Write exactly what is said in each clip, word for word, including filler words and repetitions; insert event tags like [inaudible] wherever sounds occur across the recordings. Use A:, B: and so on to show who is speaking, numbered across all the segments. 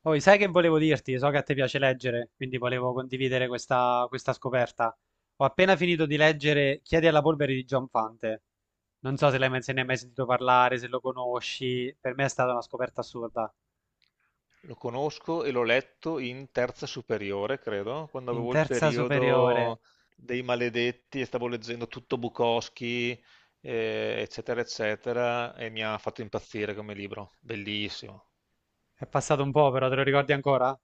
A: Poi sai che volevo dirti? So che a te piace leggere, quindi volevo condividere questa, questa scoperta. Ho appena finito di leggere Chiedi alla polvere di John Fante. Non so se l'hai mai- se ne hai mai sentito parlare, se lo conosci. Per me è stata una scoperta assurda.
B: Lo conosco e l'ho letto in terza superiore, credo, quando
A: In
B: avevo il
A: terza superiore.
B: periodo dei maledetti e stavo leggendo tutto Bukowski, eh, eccetera, eccetera, e mi ha fatto impazzire come libro. Bellissimo.
A: È passato un po', però te lo ricordi ancora?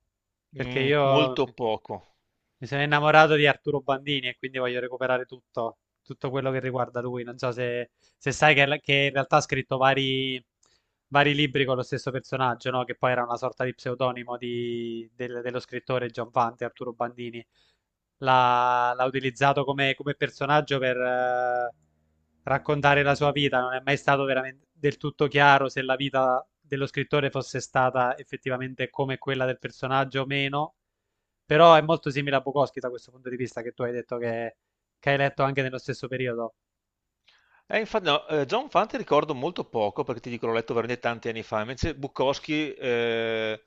A: Perché
B: Mm,
A: io
B: molto poco.
A: Mi sono innamorato di Arturo Bandini e quindi voglio recuperare tutto, tutto quello che riguarda lui. Non so se, se sai che, che in realtà ha scritto vari, vari libri con lo stesso personaggio, no? Che poi era una sorta di pseudonimo di- del- dello scrittore Giovanni Arturo Bandini. L'ha l'ha utilizzato come, come personaggio per eh, raccontare la sua vita. Non è mai stato veramente del tutto chiaro se la vita dello scrittore fosse stata effettivamente come quella del personaggio o meno, però è molto simile a Bukowski da questo punto di vista, che tu hai detto che, che hai letto anche nello stesso periodo.
B: Eh, infa no, ehm, John Fante ricordo molto poco, perché ti dico l'ho letto veramente tanti anni fa. Invece Bukowski, ehm,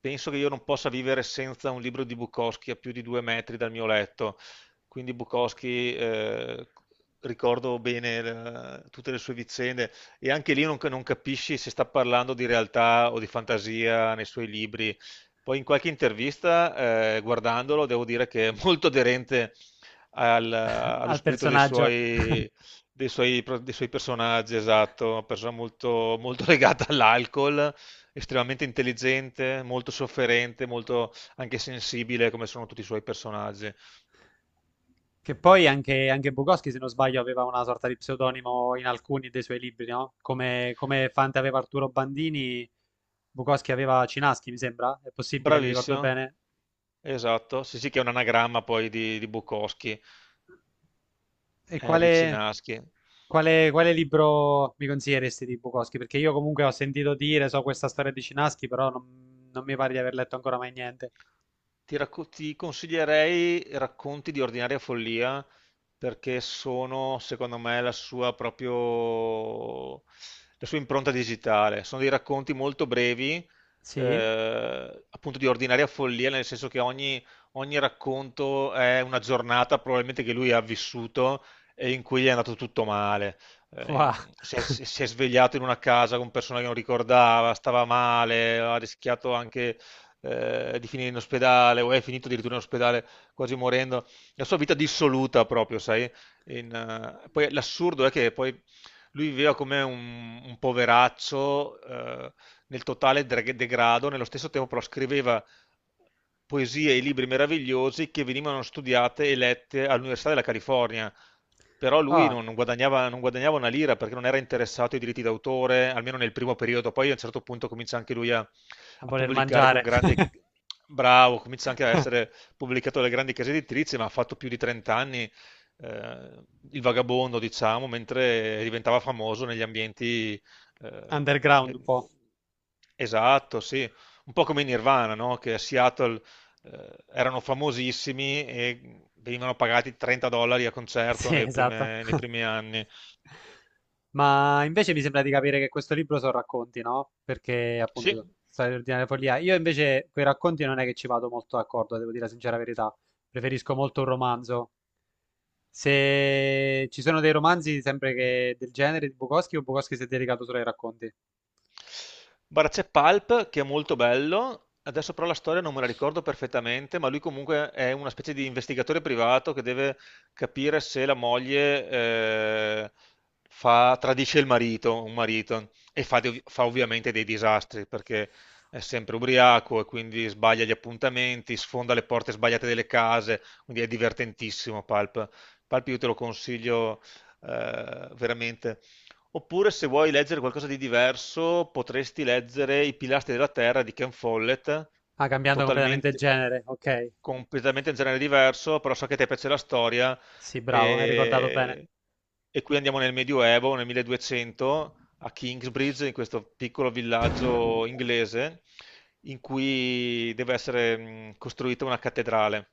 B: penso che io non possa vivere senza un libro di Bukowski a più di due metri dal mio letto, quindi Bukowski, ehm, ricordo bene l tutte le sue vicende, e anche lì non ca non capisci se sta parlando di realtà o di fantasia nei suoi libri. Poi in qualche intervista, ehm, guardandolo, devo dire che è molto aderente al-
A: [laughs]
B: allo
A: Al
B: spirito dei
A: personaggio.
B: suoi,
A: [laughs]
B: dei suoi pro- dei suoi personaggi, esatto. Una persona molto, molto [laughs] legata all'alcol, estremamente intelligente, molto sofferente, molto anche sensibile, come sono tutti i suoi personaggi.
A: Che poi anche, anche Bukowski, se non sbaglio, aveva una sorta di pseudonimo in alcuni dei suoi libri, no? Come, come Fante aveva Arturo Bandini, Bukowski aveva Cinaschi, mi sembra. È possibile, mi ricordo
B: Bravissimo,
A: bene.
B: esatto, sì sì, che è un anagramma poi di, di Bukowski.
A: E
B: Henry
A: quale,
B: Cinaschi.
A: quale, Quale libro mi consiglieresti di Bukowski? Perché io comunque ho sentito dire, so questa storia di Cinaschi, però non, non mi pare di aver letto ancora mai niente.
B: Ti, racco- ti consiglierei Racconti di ordinaria follia, perché sono, secondo me, la sua proprio la sua impronta digitale. Sono dei racconti molto brevi,
A: Sì?
B: eh, appunto di ordinaria follia, nel senso che ogni, ogni racconto è una giornata probabilmente che lui ha vissuto e in cui gli è andato tutto male. Eh,
A: Wow.
B: in- si è,
A: [laughs]
B: si è svegliato in una casa con persone che non ricordava, stava male, ha rischiato anche eh, di finire in ospedale, o è finito addirittura in ospedale quasi morendo, la sua vita dissoluta proprio, sai? In, eh, Poi l'assurdo è che poi lui viveva come un, un poveraccio, eh, nel totale dre- degrado. Nello stesso tempo però scriveva poesie e libri meravigliosi che venivano studiate e lette all'Università della California, però lui
A: Ah,
B: non, non guadagnava, non guadagnava una lira, perché non era interessato ai diritti d'autore, almeno nel primo periodo. Poi a un certo punto comincia anche lui a,
A: a
B: a
A: voler
B: pubblicare con
A: mangiare.
B: grande...
A: [laughs]
B: Bravo, comincia anche a essere pubblicato dalle grandi case editrici, ma ha fatto più di trenta anni eh, il vagabondo, diciamo, mentre diventava famoso negli ambienti... eh,
A: Underground un
B: le-
A: po'.
B: Esatto, sì. Un po' come i Nirvana, no? Che a Seattle eh, erano famosissimi e venivano pagati trenta dollari a concerto
A: Sì,
B: nei
A: esatto.
B: prime- nei
A: [laughs]
B: primi anni.
A: Ma invece mi sembra di capire che questo libro sono racconti, no? Perché
B: Sì.
A: appunto storia ordinaria follia. Io invece quei racconti non è che ci vado molto d'accordo, devo dire la sincera verità. Preferisco molto un romanzo. Se ci sono dei romanzi sempre che del genere di Bukowski o Bukowski si è dedicato solo ai racconti?
B: Guarda, c'è Pulp che è molto bello, adesso però la storia non me la ricordo perfettamente, ma lui comunque è una specie di investigatore privato che deve capire se la moglie eh, fa- tradisce il marito, un marito, e fa, dei- fa ovviamente dei disastri, perché è sempre ubriaco e quindi sbaglia gli appuntamenti, sfonda le porte sbagliate delle case, quindi è divertentissimo Pulp. Pulp io te lo consiglio eh, veramente. Oppure se vuoi leggere qualcosa di diverso, potresti leggere I pilastri della terra di Ken Follett,
A: Ah, cambiando completamente il
B: totalmente,
A: genere, ok.
B: completamente un genere diverso, però so che a te piace la storia,
A: Sì, bravo, hai ricordato bene.
B: e, e qui andiamo nel Medioevo, nel milleduecento, a Kingsbridge, in questo piccolo villaggio inglese, in cui deve essere mh, costruita una cattedrale.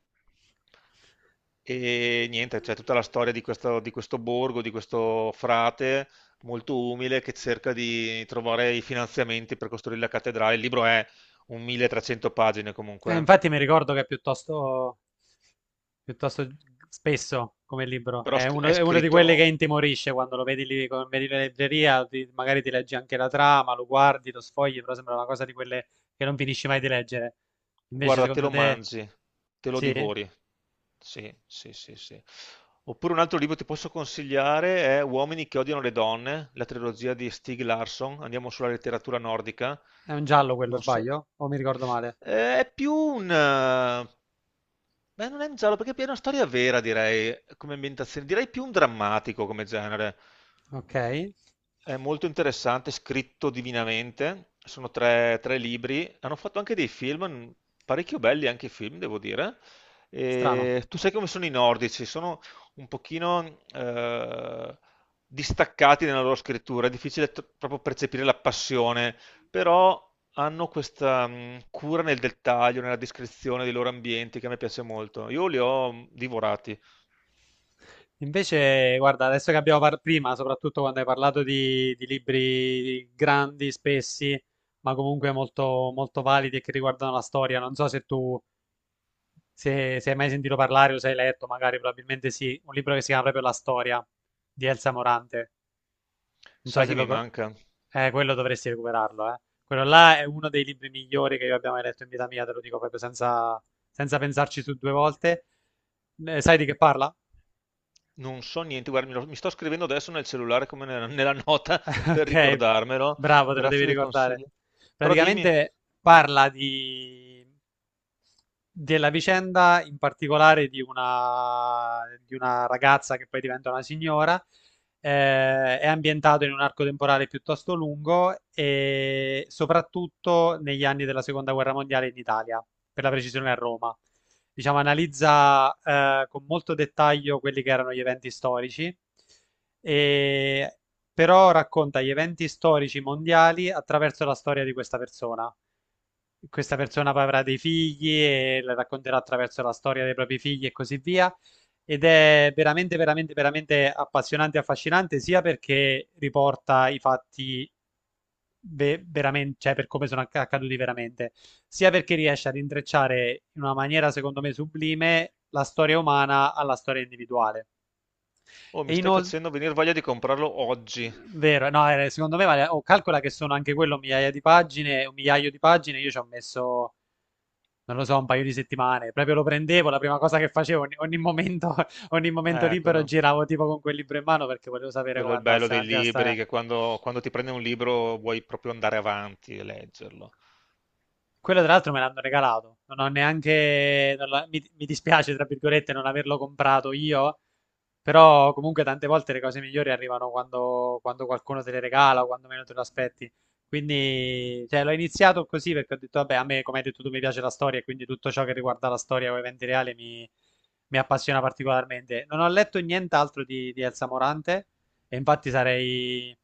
B: E niente, c'è tutta la storia di questo, di questo borgo, di questo frate molto umile che cerca di trovare i finanziamenti per costruire la cattedrale. Il libro è un milletrecento pagine
A: Eh,
B: comunque, eh.
A: infatti mi ricordo che è piuttosto, piuttosto spesso come libro.
B: Però
A: È
B: sc-
A: uno,
B: è
A: è uno di quelli che
B: scritto,
A: intimorisce quando lo vedi lì, come vedi in libreria, ti- magari ti leggi anche la trama, lo guardi, lo sfogli, però sembra una cosa di quelle che non finisci mai di leggere. Invece,
B: guarda, te
A: secondo
B: lo
A: te,
B: mangi, te lo
A: sì? È
B: divori. Sì, sì, sì, sì. Oppure un altro libro che ti posso consigliare è Uomini che odiano le donne, la trilogia di Stieg Larsson. Andiamo sulla letteratura nordica.
A: un giallo quello,
B: Non so.
A: sbaglio? O mi ricordo male?
B: Eh, È più un... eh, Beh, non è un giallo, perché è una storia vera, direi, come ambientazione. Direi più un drammatico come genere.
A: Ok,
B: È molto interessante, scritto divinamente. Sono tre, tre libri. Hanno fatto anche dei film, n- parecchio belli anche i film, devo dire.
A: strano.
B: E tu sai come sono i nordici, sono un pochino eh, distaccati nella loro scrittura, è difficile t- proprio percepire la passione, però hanno questa mh, cura nel dettaglio, nella descrizione dei loro ambienti, che a me piace molto. Io li ho mh, divorati.
A: Invece, guarda, adesso che abbiamo parlato prima, soprattutto quando hai parlato di, di libri grandi, spessi, ma comunque molto, molto validi e che riguardano la storia, non so se tu se, se hai mai sentito parlare o se hai letto, magari probabilmente sì, un libro che si chiama proprio La storia di Elsa Morante. Non so
B: Sai
A: se
B: che
A: lo...
B: mi
A: co-
B: manca?
A: Eh, quello dovresti recuperarlo, eh. Quello là è uno dei libri migliori che io abbia mai letto in vita mia, te lo dico proprio senza, senza pensarci su due volte. Eh, sai di che parla?
B: Non so niente, guarda, mi, lo- mi sto scrivendo adesso nel cellulare come nella, nella nota per
A: Ok,
B: ricordarmelo.
A: bravo, te lo devi
B: Grazie del
A: ricordare.
B: consiglio. Però dimmi,
A: Praticamente parla di... della vicenda in particolare di una... di una ragazza che poi diventa una signora. Eh, è ambientato in un arco temporale piuttosto lungo e soprattutto negli anni della seconda guerra mondiale in Italia, per la precisione a Roma. Diciamo, analizza eh, con molto dettaglio quelli che erano gli eventi storici. E però racconta gli eventi storici mondiali attraverso la storia di questa persona. Questa persona poi avrà dei figli e la racconterà attraverso la storia dei propri figli e così via. Ed è veramente, veramente, veramente appassionante e affascinante, sia perché riporta i fatti ve- veramente, cioè per come sono acc- accaduti veramente, sia perché riesce ad intrecciare in una maniera, secondo me, sublime la storia umana alla storia individuale.
B: oh, mi
A: E
B: stai
A: inoltre
B: facendo venire voglia di comprarlo oggi.
A: vero, no, eh, secondo me vale, oh, calcola che sono anche quello migliaia di pagine, un migliaio di pagine, io ci ho messo, non lo so, un paio di settimane, proprio lo prendevo, la prima cosa che facevo, ogni, ogni momento, [laughs] ogni momento
B: Eh,
A: libero
B: quello,
A: giravo tipo con quel libro in mano perché volevo sapere
B: quello è
A: come
B: il bello
A: andasse
B: dei
A: avanti la
B: libri,
A: storia.
B: che quando, quando ti prendi un libro vuoi proprio andare avanti e leggerlo.
A: Quello tra l'altro me l'hanno regalato, non ho neanche, non l'ho- mi, mi dispiace tra virgolette non averlo comprato io, però comunque tante volte le cose migliori arrivano quando, quando qualcuno te le regala o quando meno te lo aspetti. Quindi cioè, l'ho iniziato così perché ho detto, vabbè, a me come hai detto tu mi piace la storia e quindi tutto ciò che riguarda la storia o eventi reali mi, mi appassiona particolarmente. Non ho letto nient'altro di, di Elsa Morante, e infatti sarei,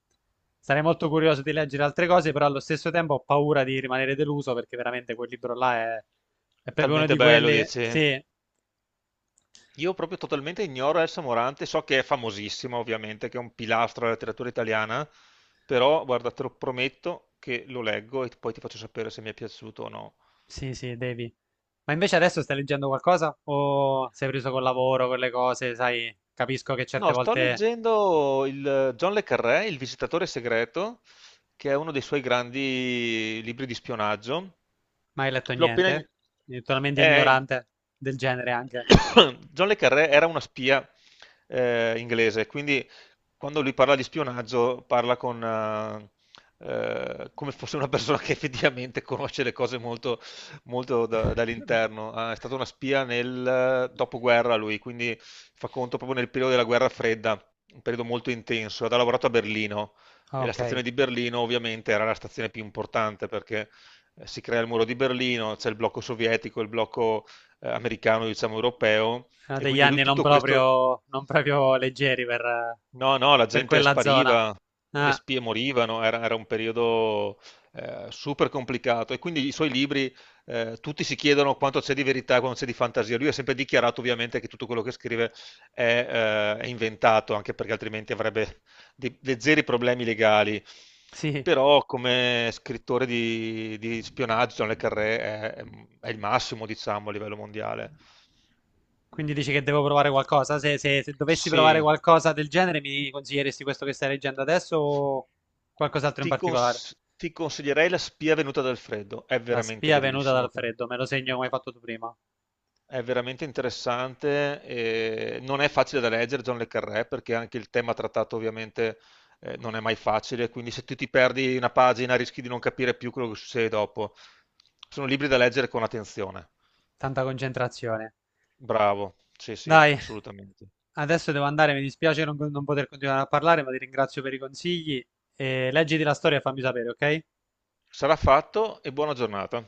A: sarei molto curioso di leggere altre cose, però allo stesso tempo ho paura di rimanere deluso perché veramente quel libro là è, è
B: È
A: proprio uno
B: talmente
A: di
B: bello,
A: quelli...
B: dici.
A: Sì,
B: Io proprio totalmente ignoro Elsa Morante, so che è famosissima ovviamente, che è un pilastro della letteratura italiana, però guarda, te lo prometto che lo leggo e poi ti faccio sapere se mi è piaciuto o no.
A: sì, sì, devi. Ma invece adesso stai leggendo qualcosa? O sei preso col lavoro, con le cose? Sai, capisco che certe
B: No, sto
A: volte
B: leggendo il John le Carré, Il visitatore segreto, che è uno dei suoi grandi libri di spionaggio.
A: non hai letto
B: L'ho appena...
A: niente.
B: in-
A: Quindi totalmente
B: eh,
A: ignorante del genere anche.
B: [coughs] John le Carré era una spia eh, inglese, quindi quando lui parla di spionaggio parla con, eh, eh, come fosse una persona che effettivamente conosce le cose molto molto da-
A: [laughs]
B: dall'interno. Ah, è stata una spia nel eh, dopoguerra lui, quindi fa conto proprio nel periodo della guerra fredda, un periodo molto intenso. Ed ha lavorato a Berlino, e la
A: Ok,
B: stazione di Berlino ovviamente era la stazione più importante, perché eh, si crea il muro di Berlino, c'è il blocco sovietico, il blocco eh, americano, diciamo europeo,
A: sono
B: e
A: degli
B: quindi lui
A: anni non
B: tutto questo...
A: proprio, non proprio leggeri per,
B: No, no, la
A: per
B: gente
A: quella zona.
B: spariva, le
A: Ah,
B: spie morivano, era, era un periodo eh, super complicato, e quindi i suoi libri, eh, tutti si chiedono quanto c'è di verità e quanto c'è di fantasia. Lui ha sempre dichiarato ovviamente che tutto quello che scrive è, eh, è inventato, anche perché altrimenti avrebbe de- de- zeri problemi legali.
A: sì.
B: Però come scrittore di, di spionaggio, John le Carré è, è il massimo, diciamo, a livello mondiale.
A: Quindi dici che devo provare qualcosa? Se, se- se dovessi provare
B: Sì.
A: qualcosa del genere, mi consiglieresti questo che stai leggendo adesso o qualcos'altro in
B: Ti
A: particolare?
B: cons ti consiglierei La spia venuta dal freddo, è
A: La
B: veramente
A: spia venuta
B: bellissimo,
A: dal freddo, me lo segno come hai fatto tu prima.
B: è veramente interessante, e non è facile da leggere John le Carré, perché anche il tema trattato ovviamente eh, non è mai facile, quindi se tu ti perdi una pagina rischi di non capire più quello che succede dopo. Sono libri da leggere con attenzione.
A: Tanta concentrazione.
B: Bravo, sì sì,
A: Dai,
B: assolutamente.
A: adesso devo andare, mi dispiace non, non poter continuare a parlare, ma ti ringrazio per i consigli. E leggiti la storia e fammi sapere, ok?
B: Sarà fatto e buona giornata.